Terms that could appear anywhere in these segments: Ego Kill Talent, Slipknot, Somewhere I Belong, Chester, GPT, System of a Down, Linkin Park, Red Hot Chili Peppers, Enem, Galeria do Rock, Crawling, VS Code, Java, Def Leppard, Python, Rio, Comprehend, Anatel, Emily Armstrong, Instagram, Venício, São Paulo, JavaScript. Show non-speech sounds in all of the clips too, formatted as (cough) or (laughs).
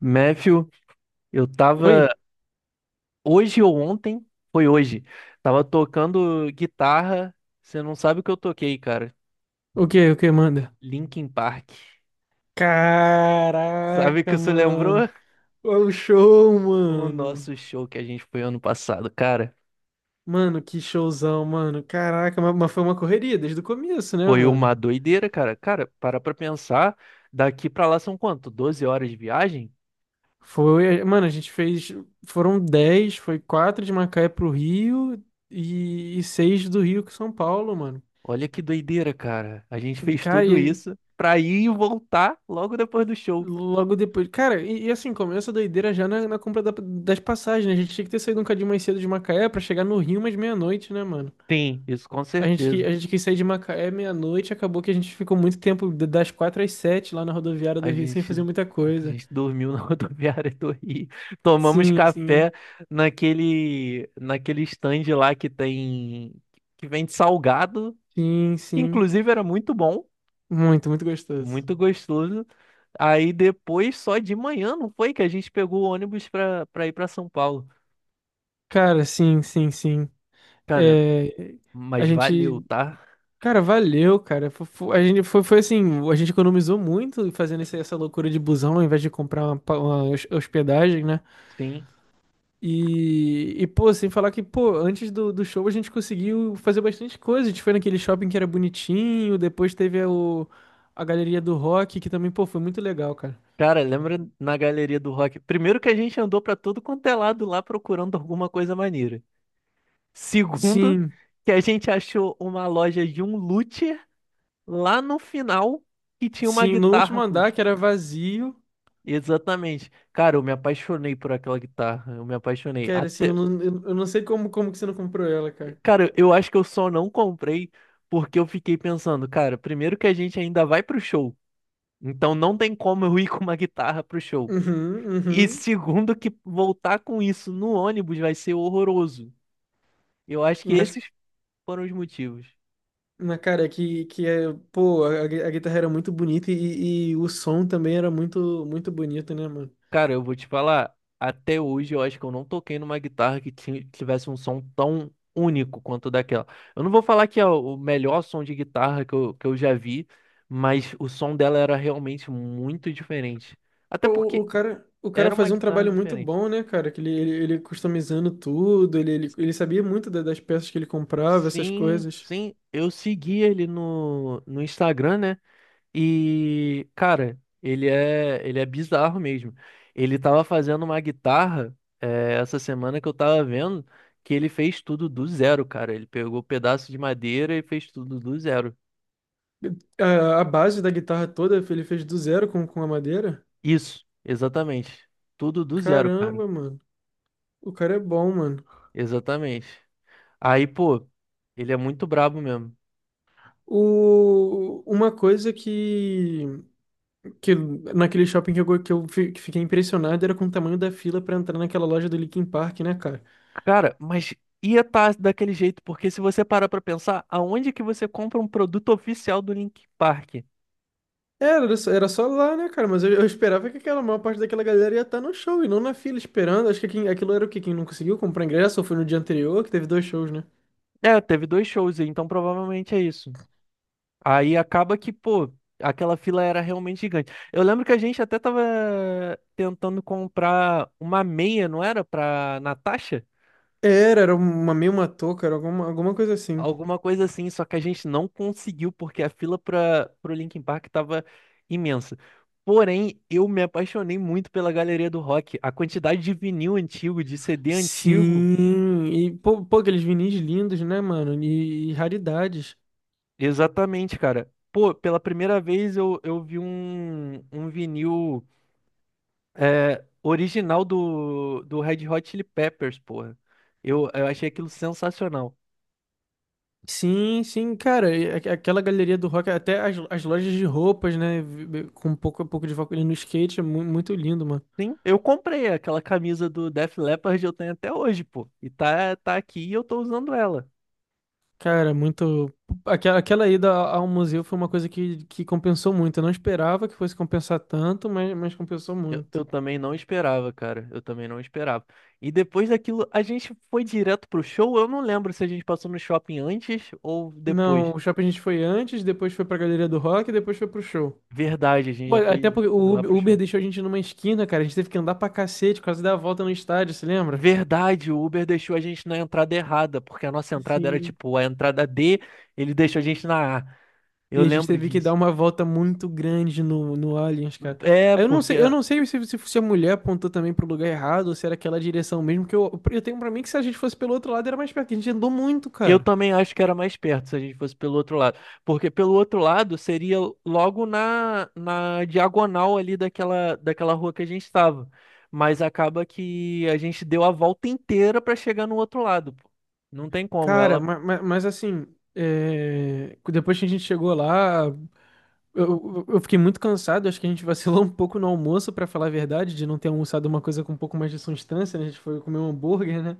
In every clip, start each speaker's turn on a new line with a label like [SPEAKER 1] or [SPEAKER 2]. [SPEAKER 1] Matthew, eu
[SPEAKER 2] Oi?
[SPEAKER 1] tava hoje ou ontem, foi hoje, tava tocando guitarra. Você não sabe o que eu toquei, cara.
[SPEAKER 2] O que manda?
[SPEAKER 1] Linkin Park. (laughs) Sabe o que
[SPEAKER 2] Caraca,
[SPEAKER 1] você
[SPEAKER 2] mano.
[SPEAKER 1] lembrou?
[SPEAKER 2] Olha o show,
[SPEAKER 1] O
[SPEAKER 2] mano.
[SPEAKER 1] nosso show que a gente foi ano passado, cara.
[SPEAKER 2] Mano, que showzão, mano. Caraca, mas, foi uma correria desde o começo, né,
[SPEAKER 1] Foi
[SPEAKER 2] mano?
[SPEAKER 1] uma doideira, cara. Cara, para pra pensar, daqui pra lá são quanto? 12 horas de viagem?
[SPEAKER 2] Foi, mano, foram 10, foi quatro de Macaé pro Rio e, 6 do Rio com São Paulo, mano.
[SPEAKER 1] Olha que doideira, cara. A gente fez
[SPEAKER 2] Cara,
[SPEAKER 1] tudo
[SPEAKER 2] e
[SPEAKER 1] isso pra ir e voltar logo depois do show.
[SPEAKER 2] logo depois, cara, e assim, começa a doideira já na compra das passagens, né? A gente tinha que ter saído um cadinho mais cedo de Macaé pra chegar no Rio mais meia-noite, né, mano?
[SPEAKER 1] Sim, isso com certeza.
[SPEAKER 2] A gente quis sair de Macaé meia-noite, acabou que a gente ficou muito tempo das quatro às sete lá na rodoviária do
[SPEAKER 1] A
[SPEAKER 2] Rio sem
[SPEAKER 1] gente,
[SPEAKER 2] fazer muita
[SPEAKER 1] a
[SPEAKER 2] coisa.
[SPEAKER 1] gente dormiu na (laughs) rodoviária do Rio. Tomamos
[SPEAKER 2] Sim,
[SPEAKER 1] café
[SPEAKER 2] sim,
[SPEAKER 1] naquele stand lá que tem, que vende salgado,
[SPEAKER 2] sim,
[SPEAKER 1] que
[SPEAKER 2] sim.
[SPEAKER 1] inclusive era muito bom,
[SPEAKER 2] Muito, muito gostoso.
[SPEAKER 1] muito gostoso. Aí depois, só de manhã, não foi que a gente pegou o ônibus pra ir pra São Paulo.
[SPEAKER 2] Cara, sim, sim, sim.
[SPEAKER 1] Cara,
[SPEAKER 2] É, a
[SPEAKER 1] mas valeu,
[SPEAKER 2] gente.
[SPEAKER 1] tá?
[SPEAKER 2] Cara, valeu, cara. A gente foi, foi assim, a gente economizou muito fazendo essa loucura de busão ao invés de comprar uma hospedagem, né?
[SPEAKER 1] Sim.
[SPEAKER 2] Pô, sem falar que, pô, antes do show a gente conseguiu fazer bastante coisa. A gente foi naquele shopping que era bonitinho, depois teve a galeria do rock, que também, pô, foi muito legal, cara.
[SPEAKER 1] Cara, lembra na galeria do rock? Primeiro que a gente andou pra todo quanto é lado lá procurando alguma coisa maneira. Segundo,
[SPEAKER 2] Sim,
[SPEAKER 1] que a gente achou uma loja de um luthier lá no final que tinha uma
[SPEAKER 2] sim, no último
[SPEAKER 1] guitarra
[SPEAKER 2] andar,
[SPEAKER 1] acústica.
[SPEAKER 2] que era vazio,
[SPEAKER 1] Exatamente. Cara, eu me apaixonei por aquela guitarra. Eu me apaixonei.
[SPEAKER 2] cara, assim,
[SPEAKER 1] Até...
[SPEAKER 2] eu não sei como, como que você não comprou ela, cara.
[SPEAKER 1] Cara, eu acho que eu só não comprei porque eu fiquei pensando, cara, primeiro que a gente ainda vai pro show. Então não tem como eu ir com uma guitarra pro show.
[SPEAKER 2] Uhum,
[SPEAKER 1] E
[SPEAKER 2] uhum.
[SPEAKER 1] segundo, que voltar com isso no ônibus vai ser horroroso. Eu acho que
[SPEAKER 2] Mas,
[SPEAKER 1] esses foram os motivos.
[SPEAKER 2] na cara, que é, pô, a guitarra era muito bonita e o som também era muito, muito bonito, né, mano?
[SPEAKER 1] Cara, eu vou te falar, até hoje eu acho que eu não toquei numa guitarra que tivesse um som tão único quanto daquela. Eu não vou falar que é o melhor som de guitarra que eu já vi, mas o som dela era realmente muito diferente. Até
[SPEAKER 2] Pô,
[SPEAKER 1] porque
[SPEAKER 2] o cara
[SPEAKER 1] era uma
[SPEAKER 2] fazia um
[SPEAKER 1] guitarra
[SPEAKER 2] trabalho muito
[SPEAKER 1] diferente.
[SPEAKER 2] bom, né, cara? Que ele customizando tudo, ele sabia muito das peças que ele comprava, essas
[SPEAKER 1] Sim,
[SPEAKER 2] coisas.
[SPEAKER 1] sim, eu segui ele no Instagram, né? E, cara, ele é bizarro mesmo. Ele tava fazendo uma guitarra, essa semana que eu tava vendo, que ele fez tudo do zero, cara. Ele pegou um pedaço de madeira e fez tudo do zero.
[SPEAKER 2] A base da guitarra toda ele fez do zero com a madeira.
[SPEAKER 1] Isso, exatamente. Tudo do zero, cara.
[SPEAKER 2] Caramba, mano. O cara é bom, mano.
[SPEAKER 1] Exatamente. Aí, pô, ele é muito brabo mesmo.
[SPEAKER 2] O, uma coisa que naquele shopping que eu, go- que eu fi- que fiquei impressionado era com o tamanho da fila pra entrar naquela loja do Linkin Park, né, cara?
[SPEAKER 1] Cara, mas ia estar daquele jeito, porque se você parar pra pensar, aonde que você compra um produto oficial do Linkin Park?
[SPEAKER 2] Era só lá, né, cara? Mas eu esperava que aquela maior parte daquela galera ia estar no show e não na fila esperando. Acho que aquilo era o quê? Quem não conseguiu comprar ingresso ou foi no dia anterior, que teve dois shows, né?
[SPEAKER 1] É, teve dois shows, aí, então provavelmente é isso. Aí acaba que, pô, aquela fila era realmente gigante. Eu lembro que a gente até tava tentando comprar uma meia, não era? Pra Natasha?
[SPEAKER 2] Era uma touca, era alguma, alguma coisa assim.
[SPEAKER 1] Alguma coisa assim, só que a gente não conseguiu porque a fila para pro Linkin Park tava imensa. Porém, eu me apaixonei muito pela galeria do rock. A quantidade de vinil antigo, de CD antigo.
[SPEAKER 2] Sim, e pô, pô, aqueles vinis lindos, né, mano? E raridades.
[SPEAKER 1] Exatamente, cara. Pô, pela primeira vez eu vi um vinil. É, original do Red Hot Chili Peppers, porra. Eu achei aquilo sensacional.
[SPEAKER 2] Sim, sim, cara, e aquela galeria do rock, até as, as lojas de roupas, né, com um pouco de foco ali no skate, é muito lindo, mano.
[SPEAKER 1] Sim, eu comprei aquela camisa do Def Leppard, eu tenho até hoje, pô. E tá aqui e eu tô usando ela.
[SPEAKER 2] Cara, muito. Aquela, aquela ida ao museu foi uma coisa que compensou muito. Eu não esperava que fosse compensar tanto, mas compensou
[SPEAKER 1] Eu,
[SPEAKER 2] muito.
[SPEAKER 1] eu também não esperava, cara. Eu também não esperava. E depois daquilo, a gente foi direto pro show. Eu não lembro se a gente passou no shopping antes ou depois.
[SPEAKER 2] Não, o shopping a gente foi antes, depois foi pra Galeria do Rock, e depois foi pro show.
[SPEAKER 1] Verdade, a gente
[SPEAKER 2] Pô,
[SPEAKER 1] já
[SPEAKER 2] até
[SPEAKER 1] foi
[SPEAKER 2] porque
[SPEAKER 1] lá pro
[SPEAKER 2] O Uber
[SPEAKER 1] show.
[SPEAKER 2] deixou a gente numa esquina, cara. A gente teve que andar pra cacete, quase dar a volta no estádio, se lembra?
[SPEAKER 1] Verdade, o Uber deixou a gente na entrada errada, porque a nossa entrada era
[SPEAKER 2] Sim.
[SPEAKER 1] tipo a entrada D, ele deixou a gente na A. Eu
[SPEAKER 2] E a gente
[SPEAKER 1] lembro
[SPEAKER 2] teve que dar
[SPEAKER 1] disso.
[SPEAKER 2] uma volta muito grande no Aliens, cara.
[SPEAKER 1] É,
[SPEAKER 2] Aí
[SPEAKER 1] porque
[SPEAKER 2] eu não sei se a mulher apontou também pro lugar errado ou se era aquela direção mesmo, que eu tenho pra mim que se a gente fosse pelo outro lado era mais perto, que a gente andou muito,
[SPEAKER 1] eu
[SPEAKER 2] cara.
[SPEAKER 1] também acho que era mais perto se a gente fosse pelo outro lado. Porque pelo outro lado seria logo na diagonal ali daquela rua que a gente estava. Mas acaba que a gente deu a volta inteira para chegar no outro lado. Pô. Não tem como,
[SPEAKER 2] Cara,
[SPEAKER 1] ela.
[SPEAKER 2] mas, assim, é, depois que a gente chegou lá, eu fiquei muito cansado, acho que a gente vacilou (laughs) um pouco no almoço, pra falar a verdade, de não ter almoçado uma coisa com um pouco mais de substância, né? A gente foi comer um hambúrguer, né?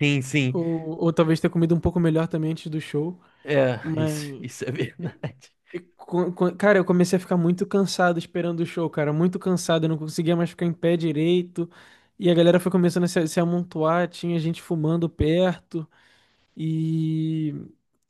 [SPEAKER 1] Sim, sim.
[SPEAKER 2] Ou talvez ter comido um pouco melhor também antes do show.
[SPEAKER 1] É, isso,
[SPEAKER 2] Mas.
[SPEAKER 1] isso é (laughs) verdade.
[SPEAKER 2] Cara, eu comecei a ficar muito cansado esperando o show, cara. Muito cansado, eu não conseguia mais ficar em pé direito. E a galera foi começando a se, se amontoar, tinha gente fumando perto. E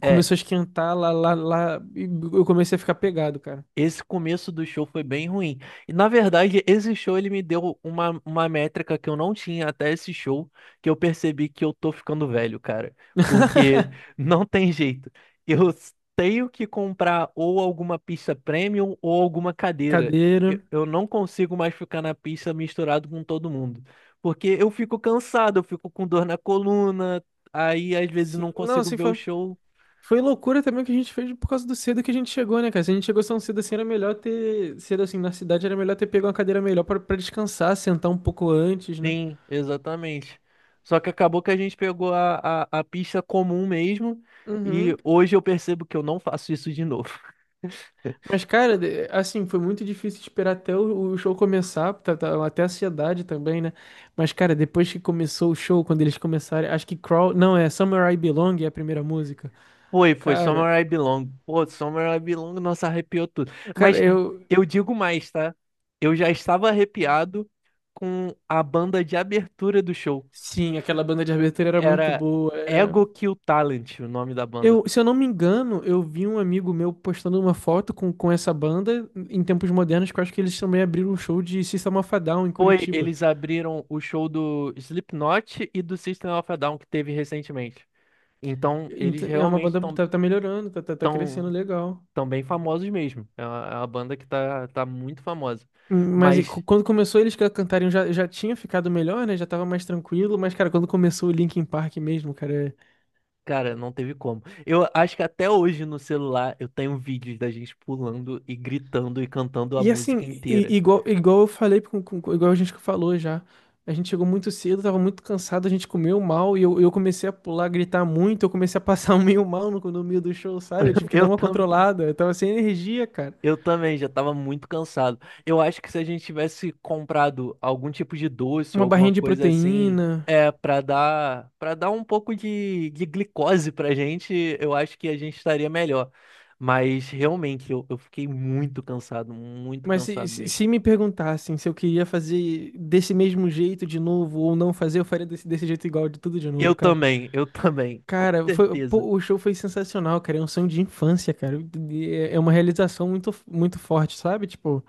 [SPEAKER 1] É.
[SPEAKER 2] começou a esquentar lá. E eu comecei a ficar pegado, cara.
[SPEAKER 1] Esse começo do show foi bem ruim. E na verdade, esse show ele me deu uma métrica que eu não tinha até esse show, que eu percebi que eu tô ficando velho, cara. Porque (laughs) não tem jeito. Tenho que comprar ou alguma pista premium ou alguma cadeira.
[SPEAKER 2] Cadeira.
[SPEAKER 1] Eu não consigo mais ficar na pista misturado com todo mundo. Porque eu fico cansado, eu fico com dor na coluna, aí às vezes
[SPEAKER 2] Sim,
[SPEAKER 1] não
[SPEAKER 2] não,
[SPEAKER 1] consigo
[SPEAKER 2] assim,
[SPEAKER 1] ver o
[SPEAKER 2] foi,
[SPEAKER 1] show.
[SPEAKER 2] foi loucura também que a gente fez por causa do cedo que a gente chegou, né, cara? Se a gente chegou tão cedo assim, era melhor ter. Cedo assim, na cidade, era melhor ter pego uma cadeira melhor pra descansar, sentar um pouco antes, né?
[SPEAKER 1] Sim, exatamente. Só que acabou que a gente pegou a pista comum mesmo. E
[SPEAKER 2] Uhum.
[SPEAKER 1] hoje eu percebo que eu não faço isso de novo. (laughs)
[SPEAKER 2] Mas, cara, assim, foi muito difícil esperar até o show começar, até a ansiedade também, né? Mas, cara, depois que começou o show, quando eles começaram, acho que Crawl, não, é Somewhere I Belong é a primeira música.
[SPEAKER 1] Foi, foi
[SPEAKER 2] Cara,
[SPEAKER 1] Somewhere I Belong. Pô, Somewhere I Belong, nossa, arrepiou tudo.
[SPEAKER 2] cara,
[SPEAKER 1] Mas
[SPEAKER 2] eu,
[SPEAKER 1] eu digo mais, tá? Eu já estava arrepiado com a banda de abertura do show.
[SPEAKER 2] sim, aquela banda de abertura era muito
[SPEAKER 1] Era
[SPEAKER 2] boa, era...
[SPEAKER 1] Ego Kill Talent, o nome da banda.
[SPEAKER 2] Eu, se eu não me engano, eu vi um amigo meu postando uma foto com essa banda em tempos modernos, que eu acho que eles também abriram um show de System of a Down em
[SPEAKER 1] Foi,
[SPEAKER 2] Curitiba.
[SPEAKER 1] eles abriram o show do Slipknot e do System of a Down que teve recentemente. Então, eles
[SPEAKER 2] É uma
[SPEAKER 1] realmente
[SPEAKER 2] banda que tá melhorando, tá crescendo
[SPEAKER 1] tão,
[SPEAKER 2] legal.
[SPEAKER 1] tão bem famosos mesmo. É uma banda que tá muito famosa.
[SPEAKER 2] Mas
[SPEAKER 1] Mas,
[SPEAKER 2] quando começou eles a cantarem já, já tinha ficado melhor, né? Já tava mais tranquilo, mas, cara, quando começou o Linkin Park mesmo, cara.
[SPEAKER 1] cara, não teve como. Eu acho que até hoje no celular eu tenho vídeos da gente pulando e gritando e cantando a
[SPEAKER 2] E
[SPEAKER 1] música
[SPEAKER 2] assim,
[SPEAKER 1] inteira.
[SPEAKER 2] igual, igual eu falei, igual a gente que falou já. A gente chegou muito cedo, tava muito cansado, a gente comeu mal e eu comecei a pular, gritar muito, eu comecei a passar (laughs) meio mal no meio do show, sabe? Eu tive
[SPEAKER 1] (laughs)
[SPEAKER 2] que dar
[SPEAKER 1] Eu,
[SPEAKER 2] uma
[SPEAKER 1] tam-
[SPEAKER 2] controlada, eu tava sem energia, cara.
[SPEAKER 1] Eu também já estava muito cansado. Eu acho que se a gente tivesse comprado algum tipo de doce ou
[SPEAKER 2] Uma
[SPEAKER 1] alguma
[SPEAKER 2] barrinha de
[SPEAKER 1] coisa assim,
[SPEAKER 2] proteína.
[SPEAKER 1] é para dar um pouco de glicose pra gente, eu acho que a gente estaria melhor. Mas realmente eu fiquei muito
[SPEAKER 2] Mas
[SPEAKER 1] cansado mesmo.
[SPEAKER 2] se me perguntassem se eu queria fazer desse mesmo jeito de novo ou não fazer, eu faria desse jeito igual de tudo de novo, cara.
[SPEAKER 1] Eu também, com
[SPEAKER 2] Cara, foi,
[SPEAKER 1] certeza.
[SPEAKER 2] pô, o show foi sensacional, cara. É um sonho de infância, cara. E é uma realização muito, muito forte, sabe? Tipo,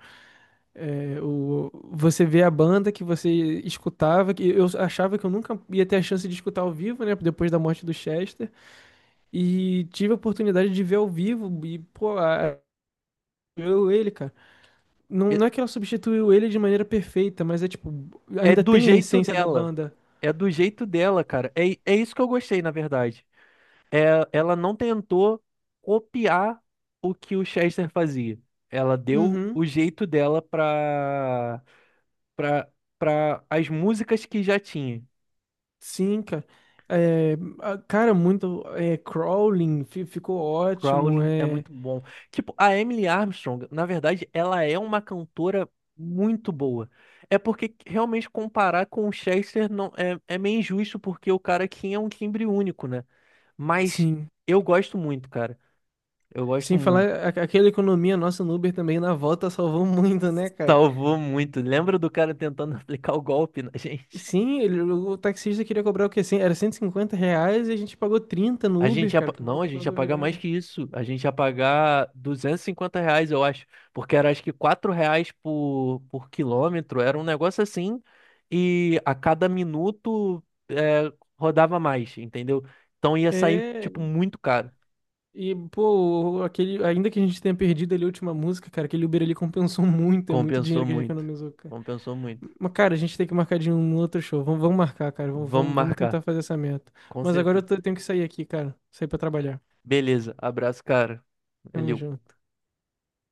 [SPEAKER 2] é, o, você vê a banda que você escutava, que eu achava que eu nunca ia ter a chance de escutar ao vivo, né? Depois da morte do Chester. E tive a oportunidade de ver ao vivo e, pô, a- eu ele, cara. Não,
[SPEAKER 1] E-
[SPEAKER 2] não é que ela substituiu ele de maneira perfeita, mas é tipo,
[SPEAKER 1] É
[SPEAKER 2] ainda
[SPEAKER 1] do
[SPEAKER 2] tem a
[SPEAKER 1] jeito
[SPEAKER 2] essência da
[SPEAKER 1] dela,
[SPEAKER 2] banda.
[SPEAKER 1] é do jeito dela, cara. É, é isso que eu gostei, na verdade. Ela não tentou copiar o que o Chester fazia. Ela deu o
[SPEAKER 2] Uhum,
[SPEAKER 1] jeito dela para para as músicas que já tinha.
[SPEAKER 2] sim, cara. É, cara, muito. É, Crawling ficou ótimo.
[SPEAKER 1] Crawling é
[SPEAKER 2] É,
[SPEAKER 1] muito bom. Tipo, a Emily Armstrong, na verdade, ela é uma cantora muito boa. É porque realmente comparar com o Chester não é, é meio injusto porque o cara aqui é um timbre único, né? Mas
[SPEAKER 2] sim.
[SPEAKER 1] eu gosto muito, cara. Eu gosto
[SPEAKER 2] Sem falar,
[SPEAKER 1] muito.
[SPEAKER 2] aquela economia nossa no Uber também na volta salvou muito, né, cara?
[SPEAKER 1] Salvou muito. Lembra do cara tentando (laughs) aplicar o golpe na gente?
[SPEAKER 2] Sim, o taxista queria cobrar o quê? Era R$ 150 e a gente pagou 30 no
[SPEAKER 1] A gente
[SPEAKER 2] Uber,
[SPEAKER 1] ia...
[SPEAKER 2] cara, pra
[SPEAKER 1] Não, a
[SPEAKER 2] voltar pra
[SPEAKER 1] gente ia pagar mais
[SPEAKER 2] rodoviária.
[SPEAKER 1] que isso. A gente ia pagar R$ 250, eu acho. Porque era acho que R$ 4 por quilômetro. Era um negócio assim. E a cada minuto é, rodava mais, entendeu? Então ia sair,
[SPEAKER 2] É,
[SPEAKER 1] tipo, muito caro.
[SPEAKER 2] e, pô, aquele, ainda que a gente tenha perdido ali a última música, cara, aquele Uber ali compensou (laughs) muito, é muito
[SPEAKER 1] Compensou
[SPEAKER 2] dinheiro que a gente
[SPEAKER 1] muito.
[SPEAKER 2] economizou, cara.
[SPEAKER 1] Compensou muito.
[SPEAKER 2] Mas, cara, a gente tem que marcar de um outro show. Vamos, vamos marcar, cara.
[SPEAKER 1] Vamos
[SPEAKER 2] Vamos tentar
[SPEAKER 1] marcar,
[SPEAKER 2] fazer essa meta.
[SPEAKER 1] com
[SPEAKER 2] Mas agora eu
[SPEAKER 1] certeza.
[SPEAKER 2] tenho que sair aqui, cara. Sair pra trabalhar.
[SPEAKER 1] Beleza, abraço, cara.
[SPEAKER 2] Tamo
[SPEAKER 1] Valeu.
[SPEAKER 2] junto.